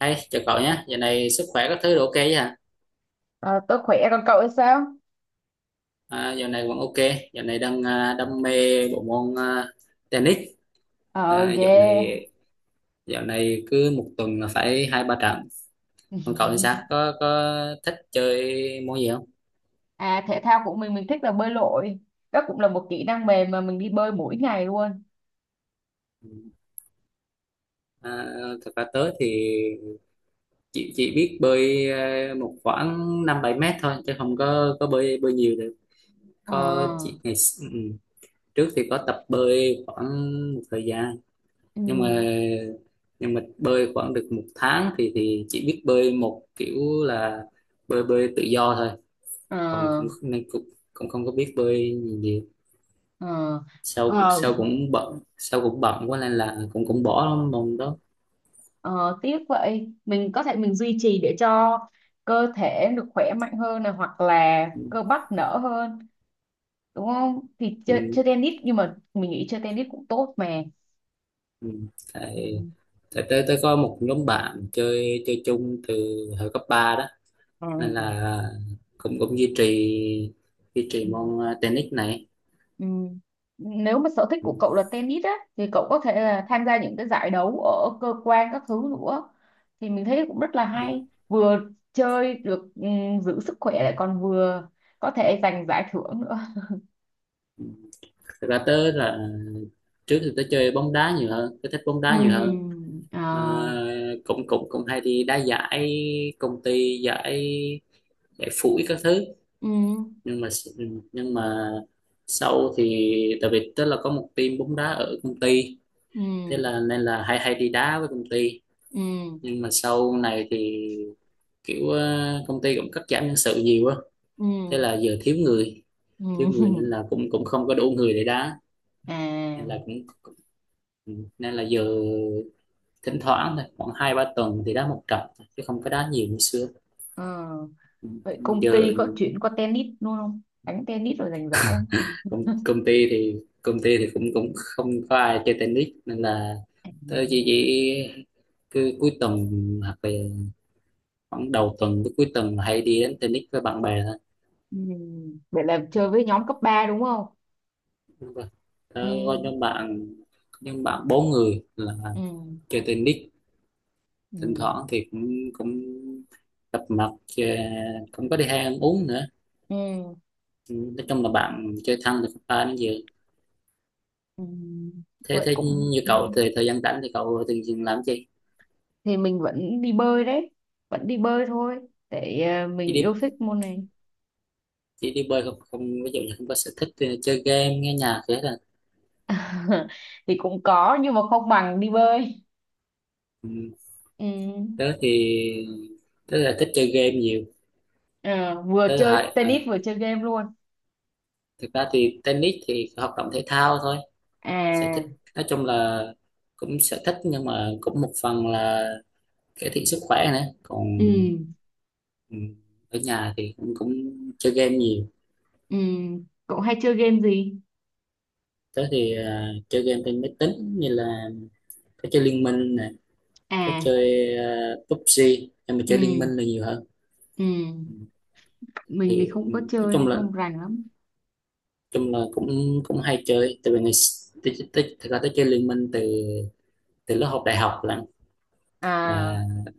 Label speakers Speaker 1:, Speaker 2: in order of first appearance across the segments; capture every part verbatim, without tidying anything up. Speaker 1: Hey, chào cậu nhé, giờ này sức khỏe các thứ đều ok chứ hả?
Speaker 2: Ờ, tôi khỏe còn cậu thì sao?
Speaker 1: À, giờ này vẫn ok, giờ này đang à, đam mê bộ môn à, tennis.
Speaker 2: Ờ
Speaker 1: À, dạo này
Speaker 2: ghê.
Speaker 1: dạo này cứ một tuần là phải hai ba trận. Còn cậu thì sao? Có có thích chơi môn gì không?
Speaker 2: À, thể thao của mình mình thích là bơi lội. Đó cũng là một kỹ năng mềm mà mình đi bơi mỗi ngày luôn.
Speaker 1: À, thật ra tớ thì chỉ chỉ biết bơi à, một khoảng năm bảy mét thôi, chứ không có có bơi bơi nhiều được.
Speaker 2: Ờ.
Speaker 1: Có chỉ ngày s- ừ, Trước thì có tập bơi khoảng một thời gian
Speaker 2: Ừ.
Speaker 1: nhưng mà nhưng mà bơi khoảng được một tháng thì thì chỉ biết bơi một kiểu là bơi bơi tự do thôi còn
Speaker 2: Ờ.
Speaker 1: cũng nên cũng cũng không có biết bơi gì, gì.
Speaker 2: Ờ.
Speaker 1: Sau
Speaker 2: Ờ.
Speaker 1: sau cũng bận sau cũng bận quá nên là cũng cũng bỏ môn đó,
Speaker 2: Ờ, tiếc vậy. Mình có thể mình duy trì để cho cơ thể được khỏe mạnh hơn này hoặc là
Speaker 1: ừ,
Speaker 2: cơ bắp nở hơn, đúng không? Thì
Speaker 1: ừ.
Speaker 2: chơi, chơi tennis nhưng mà mình nghĩ chơi tennis cũng tốt mà.
Speaker 1: Ừ.
Speaker 2: Ừ.
Speaker 1: tại tại tới tới có một nhóm bạn chơi chơi chung từ hồi cấp ba đó
Speaker 2: Ờ.
Speaker 1: nên là cũng cũng duy trì duy trì
Speaker 2: Ừ.
Speaker 1: môn ờ, tennis này.
Speaker 2: Ừ. Nếu mà sở thích
Speaker 1: Ừ.
Speaker 2: của cậu là tennis á thì cậu có thể là tham gia những cái giải đấu ở cơ quan các thứ nữa thì mình thấy cũng rất là hay, vừa chơi được, ừ, giữ sức khỏe lại còn vừa có thể giành giải thưởng nữa.
Speaker 1: Ừ. Thật ra tớ là trước thì tớ chơi bóng đá nhiều hơn, tớ thích bóng
Speaker 2: Ừ.
Speaker 1: đá nhiều hơn.
Speaker 2: Ờ.
Speaker 1: Ờ, cũng cũng cũng hay đi đá giải công ty, giải giải phủi các thứ,
Speaker 2: Ừ.
Speaker 1: nhưng mà s- nhưng mà sau thì tại vì tớ là có một team bóng đá ở công ty, thế
Speaker 2: Ừ.
Speaker 1: là nên là hay hay đi đá với công ty.
Speaker 2: Ừ.
Speaker 1: Nhưng mà sau này thì kiểu ờ, công ty cũng cắt giảm nhân sự nhiều á, thế
Speaker 2: Ừ.
Speaker 1: là giờ thiếu người,
Speaker 2: Ừ.
Speaker 1: thiếu người nên là cũng cũng không có đủ người để đá, nên
Speaker 2: À.
Speaker 1: là cũng nên là giờ thỉnh thoảng thôi, khoảng hai ba tuần thì đá một trận thôi, chứ không có đá nhiều như xưa.
Speaker 2: Ờ,
Speaker 1: Ừ,
Speaker 2: vậy công
Speaker 1: giờ
Speaker 2: ty có chuyện có tennis luôn không, đánh tennis rồi giành giải không?
Speaker 1: công, công ty thì công ty thì cũng cũng không có ai chơi tennis nên là tớ chỉ chỉ cứ cuối tuần hoặc là khoảng đầu tuần tới cuối tuần hay đi đến tennis với bạn bè thôi.
Speaker 2: Ừ, vậy là
Speaker 1: Ừ,
Speaker 2: chơi với nhóm cấp ba đúng không?
Speaker 1: đúng rồi. Tớ
Speaker 2: Ừ.
Speaker 1: có nhóm bạn, nhóm bạn bốn người là
Speaker 2: Ừ.
Speaker 1: chơi tennis, thỉnh
Speaker 2: Ừ.
Speaker 1: thoảng thì cũng cũng gặp mặt, ờ, cũng có đi hay ăn uống nữa.
Speaker 2: Ừ.
Speaker 1: Ừ, nói chung là bạn chơi thân được ba đến giờ.
Speaker 2: Ừ.
Speaker 1: thế
Speaker 2: Vậy
Speaker 1: thế
Speaker 2: cũng
Speaker 1: như
Speaker 2: ừ.
Speaker 1: cậu thì thời gian rảnh thì cậu thường thường làm gì,
Speaker 2: Thì mình vẫn đi bơi đấy, vẫn đi bơi thôi để ờ,
Speaker 1: chỉ
Speaker 2: mình yêu
Speaker 1: đi
Speaker 2: thích môn này.
Speaker 1: chỉ đi bơi không? Không ví dụ như không có sở thích thì chơi game nghe nhạc thế là
Speaker 2: Thì cũng có nhưng mà không bằng đi bơi.
Speaker 1: ừ.
Speaker 2: Ừ.
Speaker 1: Tớ thì tớ là thích chơi game nhiều.
Speaker 2: Ờ, vừa
Speaker 1: Tớ
Speaker 2: chơi
Speaker 1: hại à,
Speaker 2: tennis vừa chơi game luôn.
Speaker 1: thực ra thì tennis thì hoạt động thể thao thôi, sở
Speaker 2: À.
Speaker 1: thích nói chung là cũng sở thích nhưng mà cũng một phần là cải thiện sức khỏe nữa còn
Speaker 2: Ừ.
Speaker 1: ừ, ở nhà thì cũng cũng chơi game nhiều.
Speaker 2: Ừ. Cậu hay chơi game gì?
Speaker 1: Tớ thì à, chơi game trên máy tính như là tớ chơi Liên Minh, có
Speaker 2: À.
Speaker 1: chơi ờ, pê u bê giê, em mà chơi Liên Minh
Speaker 2: Ừ.
Speaker 1: là nhiều hơn.
Speaker 2: Ừ.
Speaker 1: Ừ.
Speaker 2: Mình thì
Speaker 1: Thì
Speaker 2: không
Speaker 1: ừ,
Speaker 2: có
Speaker 1: nói
Speaker 2: chơi
Speaker 1: chung
Speaker 2: nên
Speaker 1: là
Speaker 2: không rành lắm.
Speaker 1: chung là cũng cũng hay chơi tại vì ngày s- tới tới thực ra tới chơi Liên Minh từ từ lớp học đại học là,
Speaker 2: À.
Speaker 1: là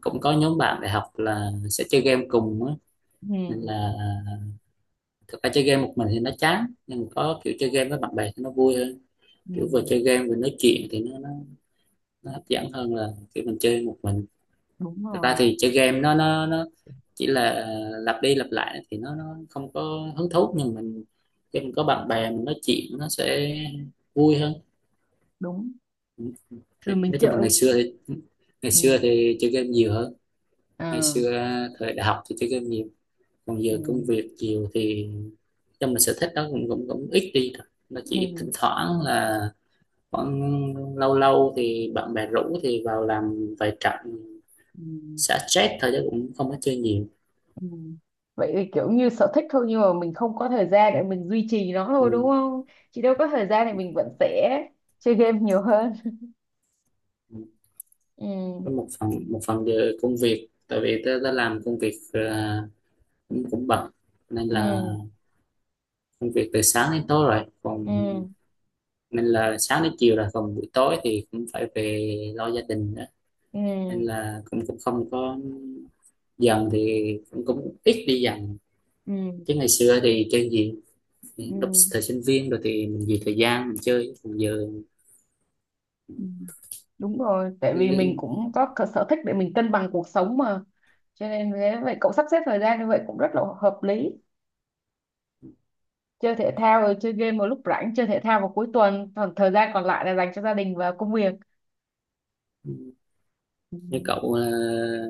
Speaker 1: cũng có nhóm bạn đại học là sẽ chơi game cùng á,
Speaker 2: Ừ.
Speaker 1: nên là thực ra chơi game một mình thì nó chán nhưng mà có kiểu chơi game với bạn bè thì nó vui hơn,
Speaker 2: Ừ.
Speaker 1: kiểu vừa chơi game vừa nói chuyện thì nó nó, nó hấp dẫn hơn là kiểu mình chơi một mình.
Speaker 2: Đúng
Speaker 1: Thật ra
Speaker 2: rồi.
Speaker 1: thì chơi game nó nó nó chỉ là lặp đi lặp lại thì nó nó không có hứng thú, nhưng mình khi mình có bạn bè mình nói chuyện nó sẽ vui hơn.
Speaker 2: Đúng rồi mình
Speaker 1: Nói chung là
Speaker 2: chơi.
Speaker 1: ngày xưa thì ngày xưa
Speaker 2: Ừ.
Speaker 1: thì chơi game nhiều hơn, ngày
Speaker 2: Ờ.
Speaker 1: xưa thời đại học thì chơi game nhiều, còn
Speaker 2: Ừ.
Speaker 1: giờ công việc nhiều thì trong mình sở thích đó cũng cũng cũng ít đi rồi, nó chỉ
Speaker 2: Ừ.
Speaker 1: thỉnh thoảng là khoảng lâu lâu thì bạn bè rủ thì vào làm vài trận
Speaker 2: Ừ.
Speaker 1: xả stress thôi chứ cũng không có chơi nhiều.
Speaker 2: Ừ. Vậy thì kiểu như sở thích thôi nhưng mà mình không có thời gian để mình duy trì nó thôi đúng không? Chị đâu có thời gian thì mình vẫn sẽ chơi game nhiều hơn.
Speaker 1: Ừ.
Speaker 2: Ừ.
Speaker 1: Có một phần một phần về công việc, tại vì tớ đã làm công việc à, cũng cũng bận nên là
Speaker 2: Ừ.
Speaker 1: công việc từ sáng đến tối rồi còn,
Speaker 2: Ừ.
Speaker 1: nên là sáng đến chiều rồi còn buổi tối thì cũng phải về lo gia đình đó, nên
Speaker 2: Ừ.
Speaker 1: là cũng cũng không có, dần thì cũng cũng ít đi dần,
Speaker 2: Ừ.
Speaker 1: chứ ngày xưa thì chơi gì lúc
Speaker 2: Ừ.
Speaker 1: thời sinh viên rồi thì mình vì thời gian mình chơi, còn giờ
Speaker 2: Ừ. Đúng rồi, tại vì mình
Speaker 1: như,
Speaker 2: cũng có cái sở thích để mình cân bằng cuộc sống mà. Cho nên thế vậy cậu sắp xếp thời gian như vậy cũng rất là hợp lý. Chơi thể thao rồi chơi game vào lúc rảnh, chơi thể thao vào cuối tuần, còn thời gian còn lại là dành cho gia đình và công việc. Ừ.
Speaker 1: như cậu à,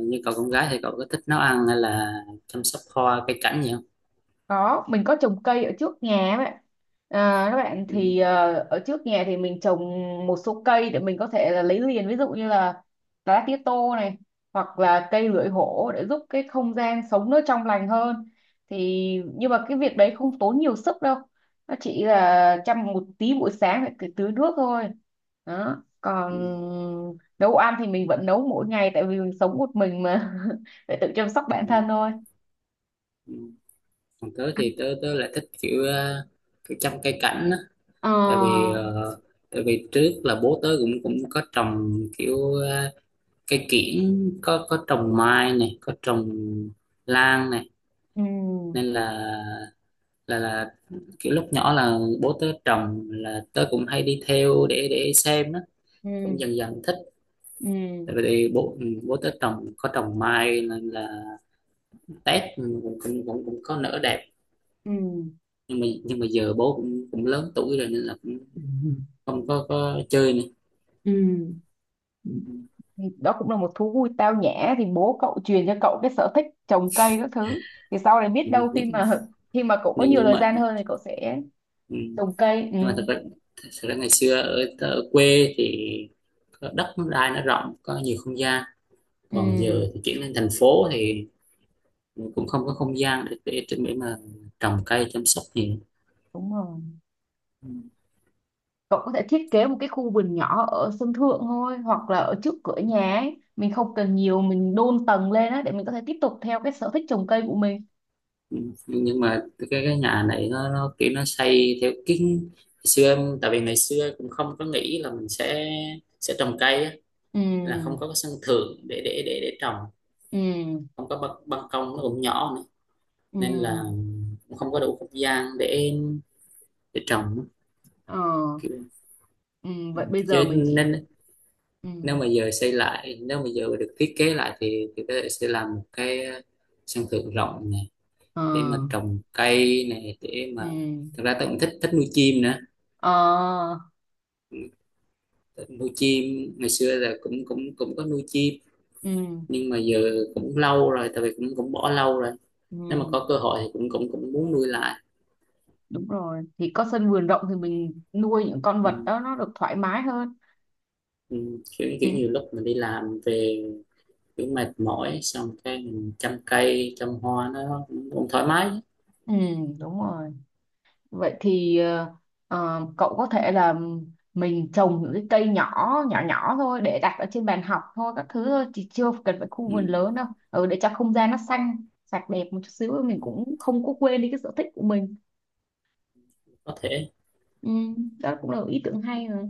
Speaker 1: như cậu con gái thì cậu có thích nấu ăn hay là chăm sóc hoa cây cảnh gì không?
Speaker 2: Có mình có trồng cây ở trước nhà ấy bạn. À, các bạn
Speaker 1: Ừ.
Speaker 2: thì ờ, ở trước nhà thì mình trồng một số cây để mình có thể là lấy liền, ví dụ như là lá tía tô này hoặc là cây lưỡi hổ để giúp cái không gian sống nó trong lành hơn. Thì nhưng mà cái việc đấy không tốn nhiều sức đâu, nó chỉ là chăm một tí buổi sáng phải cứ tưới nước thôi đó. Còn
Speaker 1: Ừ.
Speaker 2: nấu ăn thì mình vẫn nấu mỗi ngày tại vì mình sống một mình mà, phải tự chăm sóc bản
Speaker 1: Ừ,
Speaker 2: thân thôi.
Speaker 1: ừ. Còn tớ thì tớ tớ lại thích kiểu ờ, kiểu chăm cây cảnh á, tại vì
Speaker 2: Ờ.
Speaker 1: ờ, tại vì trước là bố tớ cũng cũng có trồng kiểu ờ, cây kiểng, có có trồng mai này, có trồng lan này,
Speaker 2: Ừ.
Speaker 1: nên là là là kiểu lúc nhỏ là bố tớ trồng là tớ cũng hay đi theo để để xem á,
Speaker 2: Ừ.
Speaker 1: cũng dần dần thích.
Speaker 2: Ừ.
Speaker 1: Tại vì bố ừ, bố tớ trồng có trồng mai nên là Tết cũng cũng cũng, cũng có nở đẹp,
Speaker 2: Ừ.
Speaker 1: nhưng mà nhưng mà giờ bố cũng cũng lớn tuổi rồi nên là cũng không có có chơi nữa.
Speaker 2: Ừ. Ừ.
Speaker 1: Ừ,
Speaker 2: Thì đó cũng là một thú vui tao nhã, thì bố cậu truyền cho cậu cái sở thích trồng cây các thứ thì sau này biết đâu khi
Speaker 1: nhưng
Speaker 2: mà khi mà cậu có
Speaker 1: nhưng,
Speaker 2: nhiều
Speaker 1: nhưng
Speaker 2: thời
Speaker 1: mà
Speaker 2: gian hơn thì cậu sẽ
Speaker 1: ừ,
Speaker 2: trồng cây. Ừ.
Speaker 1: nhưng mà thật ra, thật ra ngày xưa ở, ở quê thì có đất nó đai nó rộng, có nhiều không gian, còn
Speaker 2: Ừ.
Speaker 1: giờ thì chuyển lên thành phố thì cũng không có không gian để để, để mà trồng cây chăm sóc gì.
Speaker 2: Đúng rồi, cậu có thể thiết kế một cái khu vườn nhỏ ở sân thượng thôi hoặc là ở trước cửa nhà ấy, mình không cần nhiều, mình đôn tầng lên á để mình có thể tiếp tục theo cái sở thích trồng cây của mình.
Speaker 1: Ừ, nhưng mà cái cái nhà này nó nó kiểu nó xây theo kiến ngày xưa em- tại vì ngày xưa cũng không có nghĩ là mình sẽ sẽ trồng cây á,
Speaker 2: Ừ.
Speaker 1: là không có cái sân thượng để để để để trồng,
Speaker 2: Ừ.
Speaker 1: không có ban, ban công nó cũng nhỏ nữa,
Speaker 2: Ừ.
Speaker 1: nên là
Speaker 2: Ừ.
Speaker 1: cũng không có đủ không gian để để trồng
Speaker 2: Ờ.
Speaker 1: kiểu
Speaker 2: Ừ,
Speaker 1: ừ.
Speaker 2: vậy bây giờ mình chỉ.
Speaker 1: Nên
Speaker 2: Ừ.
Speaker 1: nếu mà giờ xây lại, nếu mà giờ được thiết kế lại thì thì có thể sẽ làm một cái sân thượng rộng này
Speaker 2: Ờ.
Speaker 1: để mà trồng cây này để
Speaker 2: Ừ.
Speaker 1: mà thật ra tôi cũng thích thích nuôi chim nữa.
Speaker 2: Ờ.
Speaker 1: Ừ, thích nuôi chim, ngày xưa là cũng cũng cũng có nuôi chim,
Speaker 2: Ừ.
Speaker 1: nhưng mà giờ cũng lâu rồi, tại vì cũng cũng bỏ lâu rồi, nếu mà
Speaker 2: Ừ.
Speaker 1: có cơ hội thì cũng cũng cũng muốn nuôi lại.
Speaker 2: Đúng rồi, thì có sân vườn rộng thì mình nuôi những con
Speaker 1: Ừ.
Speaker 2: vật đó nó được thoải mái hơn.
Speaker 1: Ừ, kiểu
Speaker 2: Ừ.
Speaker 1: kiểu nhiều lúc mình đi làm về kiểu mệt mỏi xong cái mình chăm cây chăm hoa nó cũng cũng thoải mái,
Speaker 2: Ừ. Đúng rồi. Vậy thì ờ, ờ, cậu có thể là mình trồng những cái cây nhỏ nhỏ nhỏ thôi để đặt ở trên bàn học thôi các thứ thôi thì chưa cần phải khu vườn
Speaker 1: ừ,
Speaker 2: lớn đâu, ừ, để cho không gian nó xanh sạch đẹp một chút xíu mình cũng không có quên đi cái sở thích của mình.
Speaker 1: có thể
Speaker 2: Ừ, đó cũng là một ý tưởng hay rồi.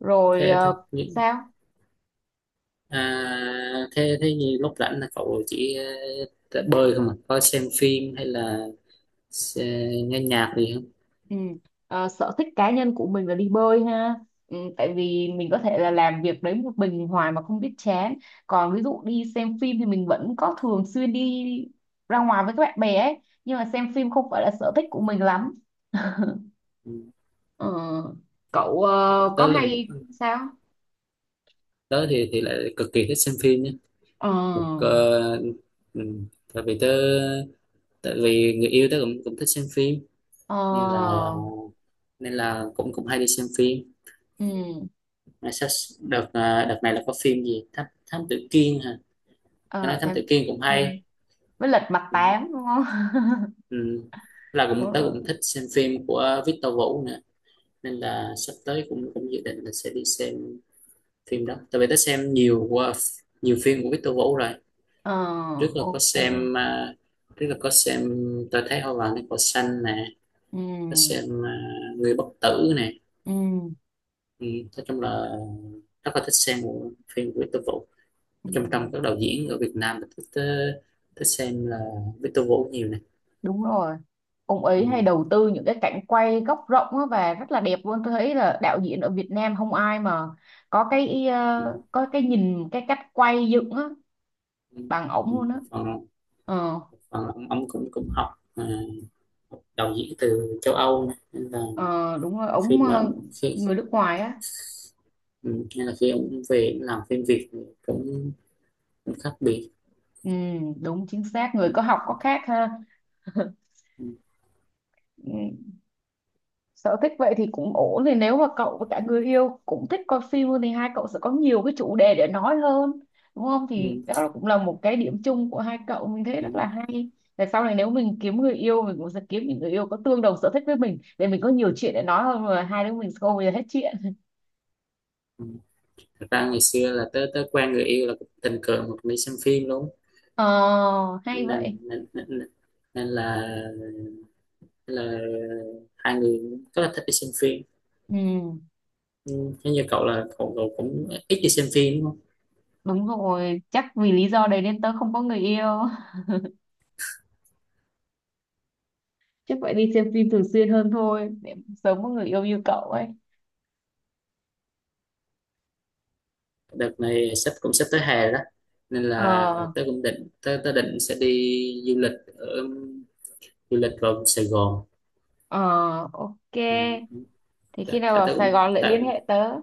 Speaker 2: Rồi
Speaker 1: thế thế
Speaker 2: ờ,
Speaker 1: nhị-
Speaker 2: sao.
Speaker 1: à, thế thế như lúc rảnh là cậu chỉ ờ, bơi không à, có xem phim hay là xe- nghe nhạc gì không?
Speaker 2: Ừ. À, sở thích cá nhân của mình là đi bơi ha, ừ, tại vì mình có thể là làm việc đấy một mình hoài mà không biết chán. Còn ví dụ đi xem phim thì mình vẫn có thường xuyên đi ra ngoài với các bạn bè ấy nhưng mà xem phim không phải là sở thích của mình lắm.
Speaker 1: Ừ.
Speaker 2: Ờ, cậu ờ, có
Speaker 1: Tớ là một,
Speaker 2: hay sao.
Speaker 1: tớ thì thì lại cực kỳ thích xem phim nhé,
Speaker 2: Ờ.
Speaker 1: một ờ, ừ, tại vì tớ, tại vì người yêu tớ cũng cũng thích xem phim
Speaker 2: Ờ.
Speaker 1: nên là nên là cũng cũng hay đi xem phim.
Speaker 2: Ừ.
Speaker 1: Nói sách đợt à, đợt này là có phim gì thám thám tử Kiên hả? Nghe
Speaker 2: Ờ
Speaker 1: nói thám
Speaker 2: thám
Speaker 1: tử Kiên cũng
Speaker 2: thiên
Speaker 1: hay.
Speaker 2: với lật mặt
Speaker 1: Ừ.
Speaker 2: tám đúng không?
Speaker 1: Ừ. Là
Speaker 2: Đúng
Speaker 1: cũng tớ
Speaker 2: rồi.
Speaker 1: cũng thích xem phim của Victor Vũ nữa, nên là sắp tới cũng cũng dự định là sẽ đi xem phim đó tại vì tớ xem nhiều qua nhiều phim của Victor Vũ rồi.
Speaker 2: Ờ.
Speaker 1: Trước là có
Speaker 2: Ok.
Speaker 1: xem à, trước là có xem tôi thấy hoa vàng trên cỏ xanh nè, có xem
Speaker 2: Ừ.
Speaker 1: à, người bất tử nè.
Speaker 2: Ừ.
Speaker 1: Ừ. Nói chung là rất là thích xem bộ phim của Victor Vũ,
Speaker 2: Ừ.
Speaker 1: trong trong các đạo diễn ở Việt Nam mình thích ờ, thích xem là Victor Vũ nhiều này.
Speaker 2: Đúng rồi, ông ấy hay
Speaker 1: Ừ,
Speaker 2: đầu tư những cái cảnh quay góc rộng á và rất là đẹp luôn. Tôi thấy là đạo diễn ở Việt Nam không ai mà có cái
Speaker 1: ừ,
Speaker 2: ờ, có cái nhìn cái cách quay dựng á
Speaker 1: ừ.
Speaker 2: bằng ổng luôn á.
Speaker 1: Một phần
Speaker 2: Ờ.
Speaker 1: một phần là ông, ông cũng cũng học ờ, học đạo diễn từ châu Âu này. Nên là
Speaker 2: Ờ, đúng rồi
Speaker 1: khi
Speaker 2: ổng
Speaker 1: mà
Speaker 2: ờ,
Speaker 1: khi
Speaker 2: người nước ngoài á.
Speaker 1: ừ, nên là khi ông về ông làm phim Việt thì cũng, cũng khác biệt.
Speaker 2: Ừ, đúng chính xác
Speaker 1: Ừ,
Speaker 2: người có học có khác ha.
Speaker 1: ừ,
Speaker 2: Ừ. Sở thích vậy thì cũng ổn, thì nếu mà cậu và cả người yêu cũng thích coi phim thì hai cậu sẽ có nhiều cái chủ đề để nói hơn, đúng không? Thì
Speaker 1: ừ,
Speaker 2: đó là- cũng là một cái điểm chung của hai cậu, mình thấy
Speaker 1: ừ,
Speaker 2: rất là hay. Tại sau này nếu mình kiếm người yêu mình cũng sẽ kiếm những người yêu có tương đồng sở thích với mình để mình có nhiều chuyện để nói hơn mà hai đứa mình sẽ không bao giờ hết chuyện.
Speaker 1: ừ. Thật ra ngày xưa là tới tới quen người yêu là cũng tình cờ một đi xem phim đúng không?
Speaker 2: Ờ hay
Speaker 1: nên
Speaker 2: vậy.
Speaker 1: nên, nên, nên là nên là hai người rất là thích đi xem phim.
Speaker 2: Ừ,
Speaker 1: Ừ, thế như cậu là cậu, cậu cũng ít đi xem phim đúng không?
Speaker 2: đúng rồi, chắc vì lý do đấy nên tớ không có người yêu. Chắc phải đi xem phim thường xuyên hơn thôi để sớm có người yêu như cậu ấy.
Speaker 1: Đợt này sắp cũng sắp tới hè đó, nên
Speaker 2: Ờ.
Speaker 1: là tớ cũng định tớ, tớ định sẽ đi du lịch ở, du lịch vào Sài Gòn.
Speaker 2: Ờ. Ok.
Speaker 1: Ừ,
Speaker 2: Thế khi
Speaker 1: Tại,
Speaker 2: nào
Speaker 1: tại
Speaker 2: vào
Speaker 1: tớ
Speaker 2: Sài
Speaker 1: cũng
Speaker 2: Gòn lại liên
Speaker 1: tại
Speaker 2: hệ tớ.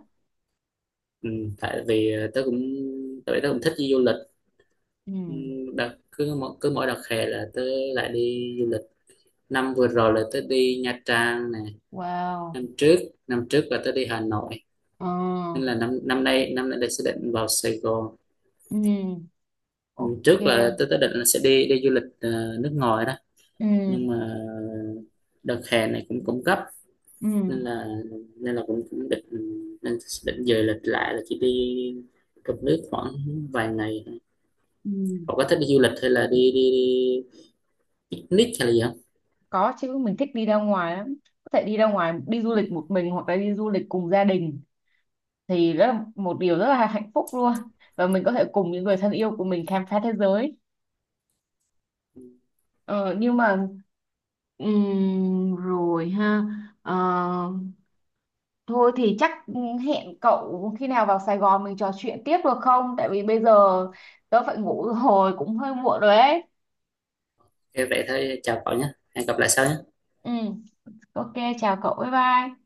Speaker 1: ừ, tại vì tớ cũng tại vì tớ cũng thích đi du lịch.
Speaker 2: Ừ.
Speaker 1: Ừ, đợt cứ mỗi cứ mỗi đợt hè là tớ lại đi du lịch. Năm vừa rồi là tớ đi Nha Trang nè,
Speaker 2: Wow.
Speaker 1: năm trước năm trước là tớ đi Hà Nội,
Speaker 2: Ờ.
Speaker 1: nên là năm năm nay, năm nay là sẽ định vào Sài Gòn.
Speaker 2: Ừ.
Speaker 1: Ừ, trước là
Speaker 2: Ok.
Speaker 1: tôi tôi định là sẽ đi đi du lịch ờ, nước ngoài đó,
Speaker 2: Ừ.
Speaker 1: nhưng mà đợt hè này cũng cũng gấp,
Speaker 2: Ừ.
Speaker 1: nên là nên là cũng cũng định nên định dời lịch lại là chỉ đi trong nước khoảng vài ngày.
Speaker 2: Ừ.
Speaker 1: Cậu có thích đi du lịch hay là đi đi, đi picnic hay là gì không?
Speaker 2: Có chứ, mình thích đi ra ngoài lắm. Có thể đi ra ngoài đi du lịch một mình hoặc là đi du lịch cùng gia đình thì rất là một điều rất là hạnh phúc luôn. Và mình có thể cùng những người thân yêu của mình khám phá thế giới. Ờ, nhưng mà ừm, rồi ha. Ờ, thôi thì chắc ừ, hẹn cậu khi nào vào Sài Gòn mình trò chuyện tiếp được không? Tại vì bây giờ tớ phải ngủ rồi, cũng hơi muộn rồi ấy.
Speaker 1: Ok, vậy thôi chào cậu nhé, hẹn gặp lại sau nhé,
Speaker 2: Ừ, ok, chào cậu, bye bye.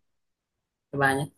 Speaker 1: bye bye nhé.